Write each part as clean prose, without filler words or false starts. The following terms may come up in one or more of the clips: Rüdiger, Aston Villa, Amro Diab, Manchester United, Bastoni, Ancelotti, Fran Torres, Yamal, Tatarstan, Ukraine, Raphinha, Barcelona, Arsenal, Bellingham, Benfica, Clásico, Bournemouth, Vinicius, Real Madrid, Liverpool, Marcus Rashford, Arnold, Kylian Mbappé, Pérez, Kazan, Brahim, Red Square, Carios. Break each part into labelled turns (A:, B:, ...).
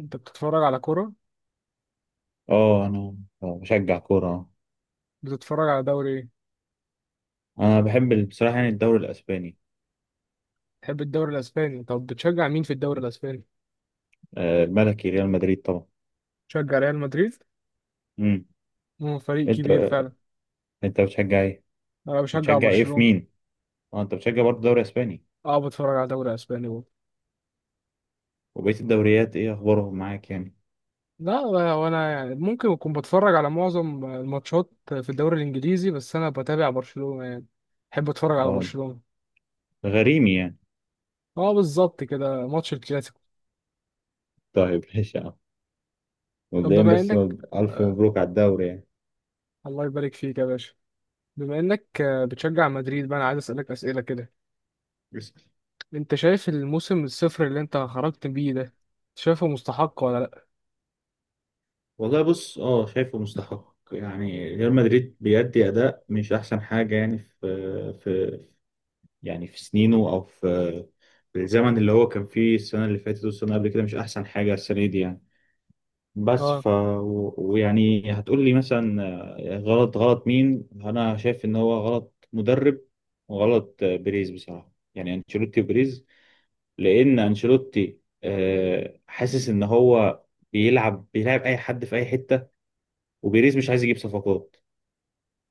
A: انت بتتفرج على كرة؟
B: اه، انا بشجع كورة.
A: بتتفرج على دوري ايه؟
B: انا بحب بصراحة يعني الدوري الاسباني
A: تحب الدوري الاسباني؟ طب بتشجع مين في الدوري الاسباني؟
B: الملكي ريال مدريد طبعا.
A: بتشجع ريال مدريد؟
B: امم.
A: مو فريق
B: انت
A: كبير فعلا.
B: انت
A: انا بشجع
B: بتشجع ايه في
A: برشلونة.
B: مين؟ اه، انت بتشجع برضه الدوري الاسباني.
A: اه، بتفرج على دوري اسباني برضه.
B: وبقية الدوريات ايه اخبارهم معاك يعني؟
A: لا. وانا يعني ممكن اكون بتفرج على معظم الماتشات في الدوري الانجليزي، بس انا بتابع برشلونة يعني. بحب اتفرج على
B: اه،
A: برشلونة.
B: غريمي يعني.
A: اه، بالظبط كده ماتش الكلاسيكو.
B: طيب ماشي يا عم.
A: طب
B: مبدئيا
A: بما
B: بس،
A: انك
B: الف
A: آه
B: مبروك على الدوري يعني.
A: الله يبارك فيك يا باشا. بما انك بتشجع مدريد بقى، انا عايز اسالك اسئلة كده.
B: بس.
A: انت شايف الموسم الصفر اللي انت خرجت بيه ده، شايفه مستحق ولا لا؟
B: والله بص، اه شايفه مستحق، يعني ريال مدريد بيأدي اداء مش احسن حاجة، يعني في يعني في سنينه او في الزمن اللي هو كان فيه، السنة اللي فاتت والسنة قبل كده مش أحسن حاجة السنة دي يعني. بس
A: اه.
B: ف و- ويعني هتقول لي مثلا غلط غلط مين؟ أنا شايف إن هو غلط مدرب، وغلط بيريز، بصراحة يعني أنشيلوتي وبيريز. لأن أنشيلوتي حاسس إن هو بيلعب أي حد في أي حتة، وبيريز مش عايز يجيب صفقات،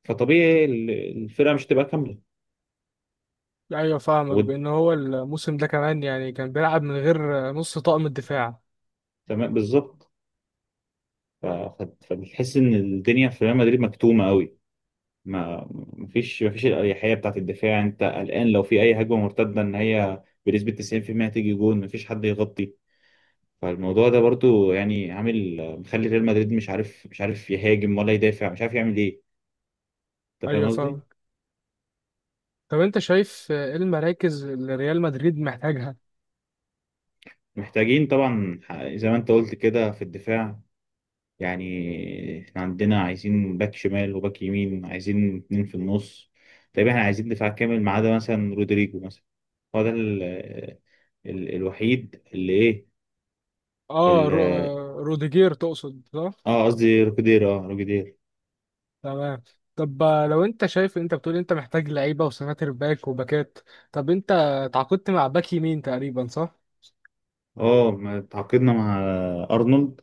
B: فطبيعي الفرقة مش هتبقى كاملة.
A: ايوه فاهمك، بان هو الموسم ده كمان يعني كان بيلعب من غير نص طاقم الدفاع.
B: وتمام بالظبط. فبتحس إن الدنيا في ريال مدريد مكتومة أوي. ما مفيش الأريحية بتاعت الدفاع، أنت قلقان لو في أي هجمة مرتدة إن هي بنسبة 90% تيجي جون مفيش حد يغطي. فالموضوع ده برضو يعني عامل، مخلي ريال مدريد مش عارف يهاجم ولا يدافع، مش عارف يعمل إيه. أنت فاهم
A: ايوه
B: قصدي؟
A: فاهمك. طب انت شايف ايه المراكز اللي ريال مدريد محتاجها؟
B: محتاجين طبعا، زي ما أنت قلت كده في الدفاع، يعني إحنا عندنا عايزين باك شمال وباك يمين، عايزين اتنين في النص. طيب إحنا عايزين دفاع كامل ما عدا مثلا رودريجو مثلا، هو ده الوحيد اللي
A: اه رو...
B: إيه.
A: آه، روديجير تقصد، صح؟
B: اه قصدي روكيدير، اه روكيدير.
A: تمام. طب لو انت شايف انت بتقول انت محتاج لعيبه وسناتر باك وباكات. طب انت تعاقدت مع باك يمين تقريبا، صح؟
B: اه، اه ما تعاقدنا مع ارنولد.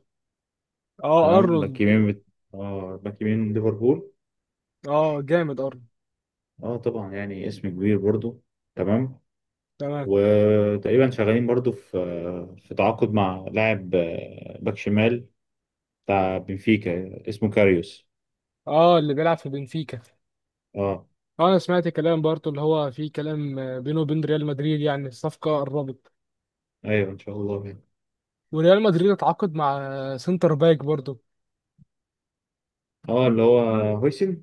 A: اه،
B: تمام،
A: ارنولد.
B: باك يمين اه، باك يمين من ليفربول.
A: اه، جامد ارنولد.
B: اه طبعا، يعني اسم كبير برضو. تمام.
A: تمام.
B: وتقريبا شغالين برضو في تعاقد مع لاعب باك شمال بتاع بنفيكا اسمه كاريوس.
A: اه، اللي بيلعب في بنفيكا.
B: اه،
A: انا سمعت كلام برضه، اللي هو في كلام بينه وبين ريال مدريد يعني الصفقه قربت.
B: ايوه ان شاء الله يعني.
A: وريال مدريد اتعاقد مع سنتر باك برضه.
B: اه، اللي هو هويسن.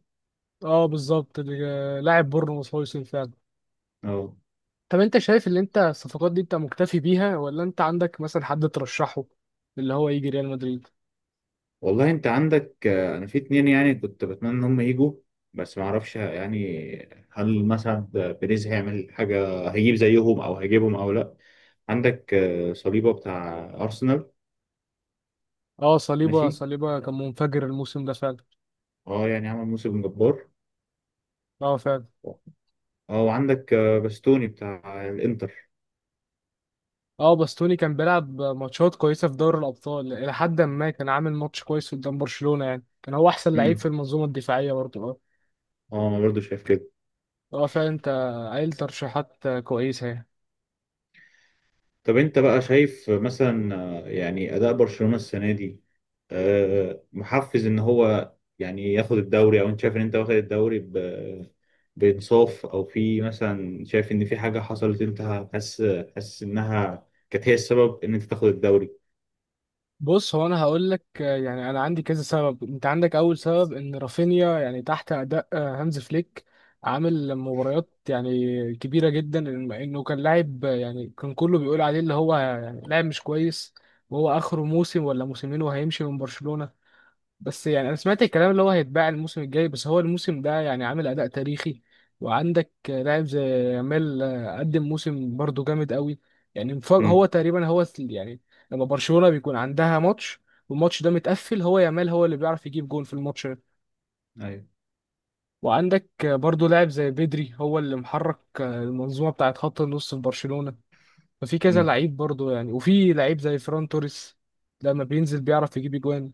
A: اه، بالظبط، لاعب بورنموث هو يوسف فعلا.
B: اه،
A: طب انت شايف اللي انت الصفقات دي انت مكتفي بيها ولا انت عندك مثلا حد ترشحه، اللي هو يجي ريال مدريد؟
B: والله انت عندك انا في اتنين يعني كنت بتمنى ان هم يجوا، بس ما اعرفش يعني هل مثلا بيريز هيعمل حاجه، هيجيب زيهم او هيجيبهم او لا. عندك صليبه بتاع ارسنال.
A: اه، صليبه
B: ماشي.
A: صليبه كان منفجر الموسم ده فعلا.
B: اه، يعني عمل موسم جبار.
A: اه، فعلا.
B: اه، وعندك باستوني بتاع الانتر.
A: اه، باستوني كان بيلعب ماتشات كويسه في دوري الابطال، الى حد ما كان عامل ماتش كويس قدام برشلونه، يعني كان هو احسن لعيب في
B: امم.
A: المنظومه الدفاعيه برضه.
B: اه، انا برضه شايف كده.
A: اه، فعلا، انت قايل ترشيحات كويسه يعني.
B: طب انت بقى شايف مثلا يعني اداء برشلونة السنة دي محفز ان هو يعني ياخد الدوري؟ او انت شايف ان انت واخد الدوري بانصاف، او في مثلا شايف ان في حاجة حصلت، انت حاسس حاسس انها كانت هي السبب ان انت تاخد الدوري؟
A: بص، هو انا هقول لك، يعني انا عندي كذا سبب. انت عندك اول سبب ان رافينيا يعني تحت اداء هانز فليك، عامل مباريات يعني كبيره جدا. انه كان لاعب، يعني كان كله بيقول عليه اللي هو يعني لاعب مش كويس، وهو اخره موسم ولا موسمين وهيمشي من برشلونه. بس يعني انا سمعت الكلام اللي هو هيتباع الموسم الجاي، بس هو الموسم ده يعني عامل اداء تاريخي. وعندك لاعب زي يامال، قدم موسم برضه جامد قوي. يعني
B: امم.
A: هو تقريبا يعني، لما برشلونة بيكون عندها ماتش والماتش ده متقفل، هو يامال هو اللي بيعرف يجيب جون في الماتش ده.
B: ايوه.
A: وعندك برضه لاعب زي بدري، هو اللي محرك المنظومة بتاعت خط النص في برشلونة. ففي كذا
B: امم.
A: لعيب برضه يعني، وفي لعيب زي فران توريس، لما بينزل بيعرف يجيب جوان.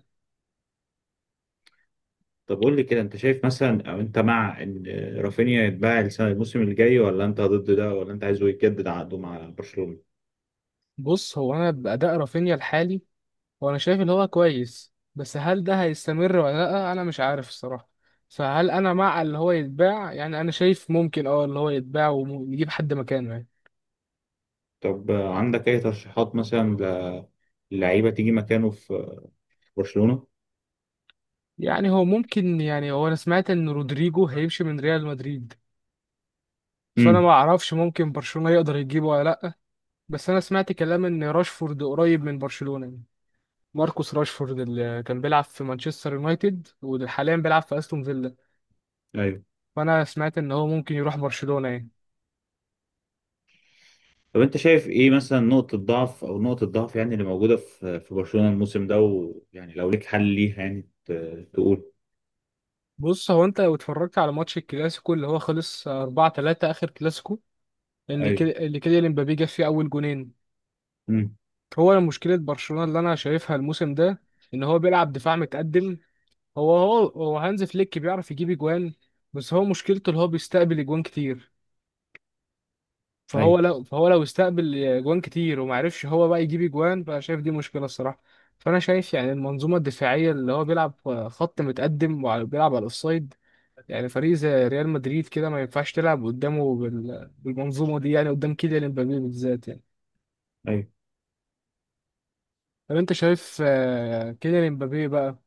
B: طب قول لي كده، انت شايف مثلا او انت مع ان رافينيا يتباع السنة الموسم الجاي، ولا انت ضد ده، ولا انت عايزه يجدد عقده مع برشلونة؟
A: بص، هو انا باداء رافينيا الحالي، هو انا شايف ان هو كويس، بس هل ده هيستمر ولا لا انا مش عارف الصراحه. فهل انا مع اللي هو يتباع؟ يعني انا شايف ممكن اه اللي هو يتباع ونجيب حد مكانه يعني.
B: طب عندك أي ترشيحات مثلا للعيبة تيجي مكانه في برشلونة؟
A: يعني هو ممكن، يعني هو انا سمعت ان رودريجو هيمشي من ريال مدريد. فانا ما
B: امم.
A: اعرفش، ممكن برشلونه يقدر يجيبه ولا لا. بس انا سمعت كلام ان راشفورد قريب من برشلونه يعني. ماركوس راشفورد، اللي كان بيلعب في مانشستر يونايتد وحاليا بيلعب في استون فيلا.
B: أيوه.
A: فانا سمعت ان هو ممكن يروح برشلونه يعني.
B: طب أنت شايف إيه مثلا نقطة ضعف، أو نقطة ضعف يعني اللي موجودة في برشلونة الموسم ده، ويعني لو ليك حل ليها يعني تقول.
A: بص، هو انت لو اتفرجت على ماتش الكلاسيكو اللي هو خلص 4-3، اخر كلاسيكو، اللي كده
B: أيوه.
A: اللي كده امبابي جاب فيه اول جونين.
B: امم.
A: هو مشكله برشلونه اللي انا شايفها الموسم ده، ان هو بيلعب دفاع متقدم. هو هانز فليك بيعرف يجيب اجوان، بس هو مشكلته اللي هو بيستقبل اجوان كتير. فهو
B: أيوه.
A: لو فهو لو استقبل اجوان كتير، وما عرفش هو بقى يجيب اجوان، فانا شايف دي مشكله الصراحه. فانا شايف يعني المنظومه الدفاعيه اللي هو بيلعب خط متقدم، وبيلعب على الاوفسايد. يعني فريق زي ريال مدريد كده ما ينفعش تلعب قدامه بالمنظومة دي، يعني قدام كيليان امبابي بالذات يعني.
B: أيوه.
A: طب انت شايف كيليان امبابي بقى،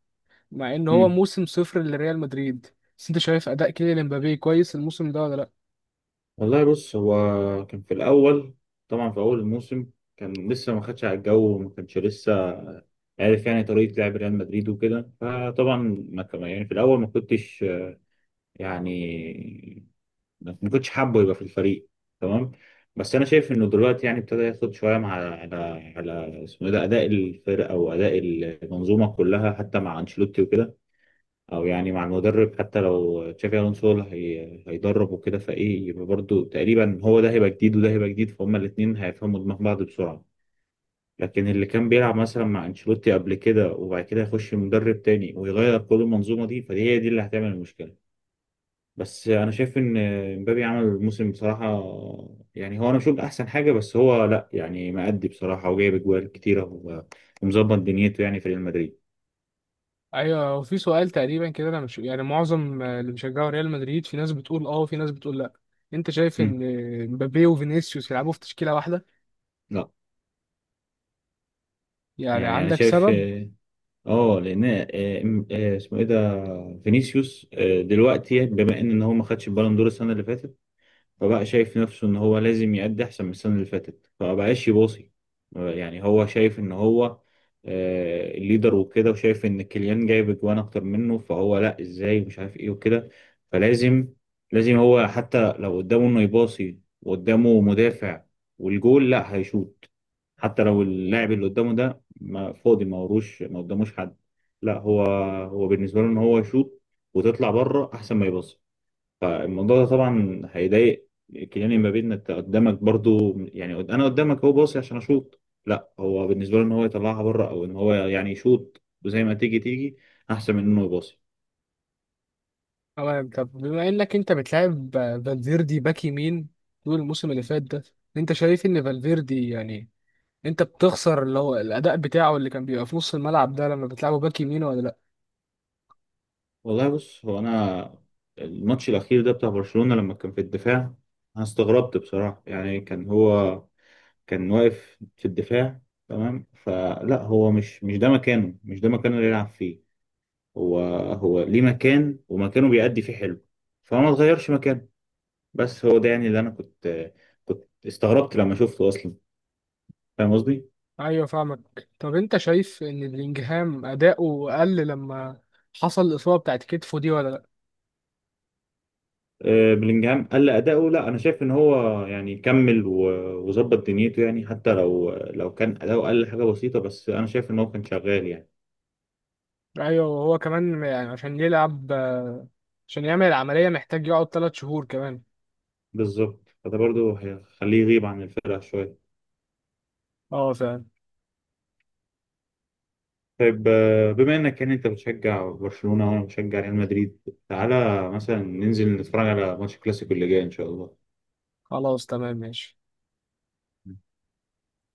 A: مع ان هو
B: امم.
A: موسم صفر لريال مدريد، بس انت شايف اداء كيليان امبابي كويس الموسم ده ولا لا؟
B: والله بص هو كان في الأول، طبعا في أول الموسم كان لسه ما خدش على الجو، وما كانش لسه عارف يعني طريقة لعب ريال مدريد وكده. فطبعا ما كان يعني في الأول، يعني ما كنتش حابه يبقى في الفريق. تمام. بس انا شايف انه دلوقتي يعني ابتدى ياخد شويه مع على اسمه إيه ده، اداء الفرقه او اداء المنظومه كلها، حتى مع انشيلوتي وكده، او يعني مع المدرب حتى لو تشافي الونسو اللي هيدرب وكده. فايه يبقى برضه تقريبا هو ده هيبقى جديد وده هيبقى جديد، فهم الاثنين هيفهموا دماغ بعض بسرعه. لكن اللي كان بيلعب مثلا مع انشيلوتي قبل كده وبعد كده يخش مدرب تاني ويغير كل المنظومه دي، فدي هي دي اللي هتعمل المشكله. بس انا شايف ان مبابي عمل الموسم بصراحه. يعني هو انا مش هقول احسن حاجه، بس هو لا يعني مأدي بصراحه، وجايب اجوال كتيره و- ومظبط دنيته يعني في ريال مدريد.
A: ايوه، هو في سؤال تقريبا كده، انا مش يعني، معظم اللي بيشجعوا ريال مدريد في ناس بتقول اه وفي ناس بتقول لا. انت شايف
B: مم.
A: ان امبابي وفينيسيوس يلعبوا في تشكيلة واحدة؟
B: لا،
A: يعني
B: يعني انا
A: عندك
B: شايف
A: سبب؟
B: لان اسمه ايه ده فينيسيوس، دلوقتي بما ان إن هو ما خدش البالون دور السنه اللي فاتت، فبقى شايف نفسه ان هو لازم يأدي احسن من السنة اللي فاتت فمبقاش يباصي. يعني هو شايف ان هو الليدر وكده، وشايف ان كيليان جايب اجوان اكتر منه، فهو لا ازاي مش عارف ايه وكده. فلازم هو حتى لو قدامه انه يباصي وقدامه مدافع والجول لا هيشوط. حتى لو اللاعب اللي قدامه ده ما فاضي، ما وروش، ما قداموش حد، لا هو بالنسبة له ان هو يشوط وتطلع بره احسن ما يباصي. فالموضوع ده طبعا هيضايق كيليان امبابي، ان انت قدامك برضو، يعني انا قدامك هو باصي عشان اشوط، لا هو بالنسبه له ان هو يطلعها بره، او ان هو يعني يشوط وزي ما تيجي تيجي، احسن من انه يباصي.
A: تمام. طب بما انك انت بتلعب فالفيردي باك يمين طول الموسم اللي فات ده، انت شايف ان فالفيردي يعني انت بتخسر اللي هو الاداء بتاعه اللي كان بيبقى في نص الملعب ده لما بتلعبه باك يمين ولا لا؟
B: والله بص هو انا الماتش الاخير ده بتاع برشلونه لما كان في الدفاع، انا استغربت بصراحه. يعني كان واقف في الدفاع، تمام. فلا هو مش ده مكانه، مش ده مكانه اللي يلعب فيه. هو هو ليه مكان، ومكانه بيأدي فيه حلو، فما تغيرش مكانه. بس هو ده يعني اللي انا كنت استغربت لما شفته اصلا، فاهم قصدي؟
A: ايوه فاهمك. طب انت شايف ان بلينجهام اداؤه قل لما حصل الاصابه بتاعت كتفه دي ولا لا؟
B: بلينجهام قل اداؤه. لا، انا شايف ان هو يعني كمل و- وظبط دنيته، يعني حتى لو كان اداؤه قل حاجه بسيطه، بس انا شايف ان هو كان شغال يعني.
A: ايوه، وهو كمان يعني عشان يلعب، عشان يعمل العمليه محتاج يقعد 3 شهور كمان.
B: بالظبط، فده برضو هيخليه يغيب عن الفرقه شويه.
A: اه فعلا.
B: طيب، بما انك يعني انت بتشجع برشلونه وانا بشجع ريال مدريد، تعالى مثلا ننزل نتفرج على ماتش الكلاسيكو اللي جاي ان شاء الله.
A: خلاص تمام ماشي.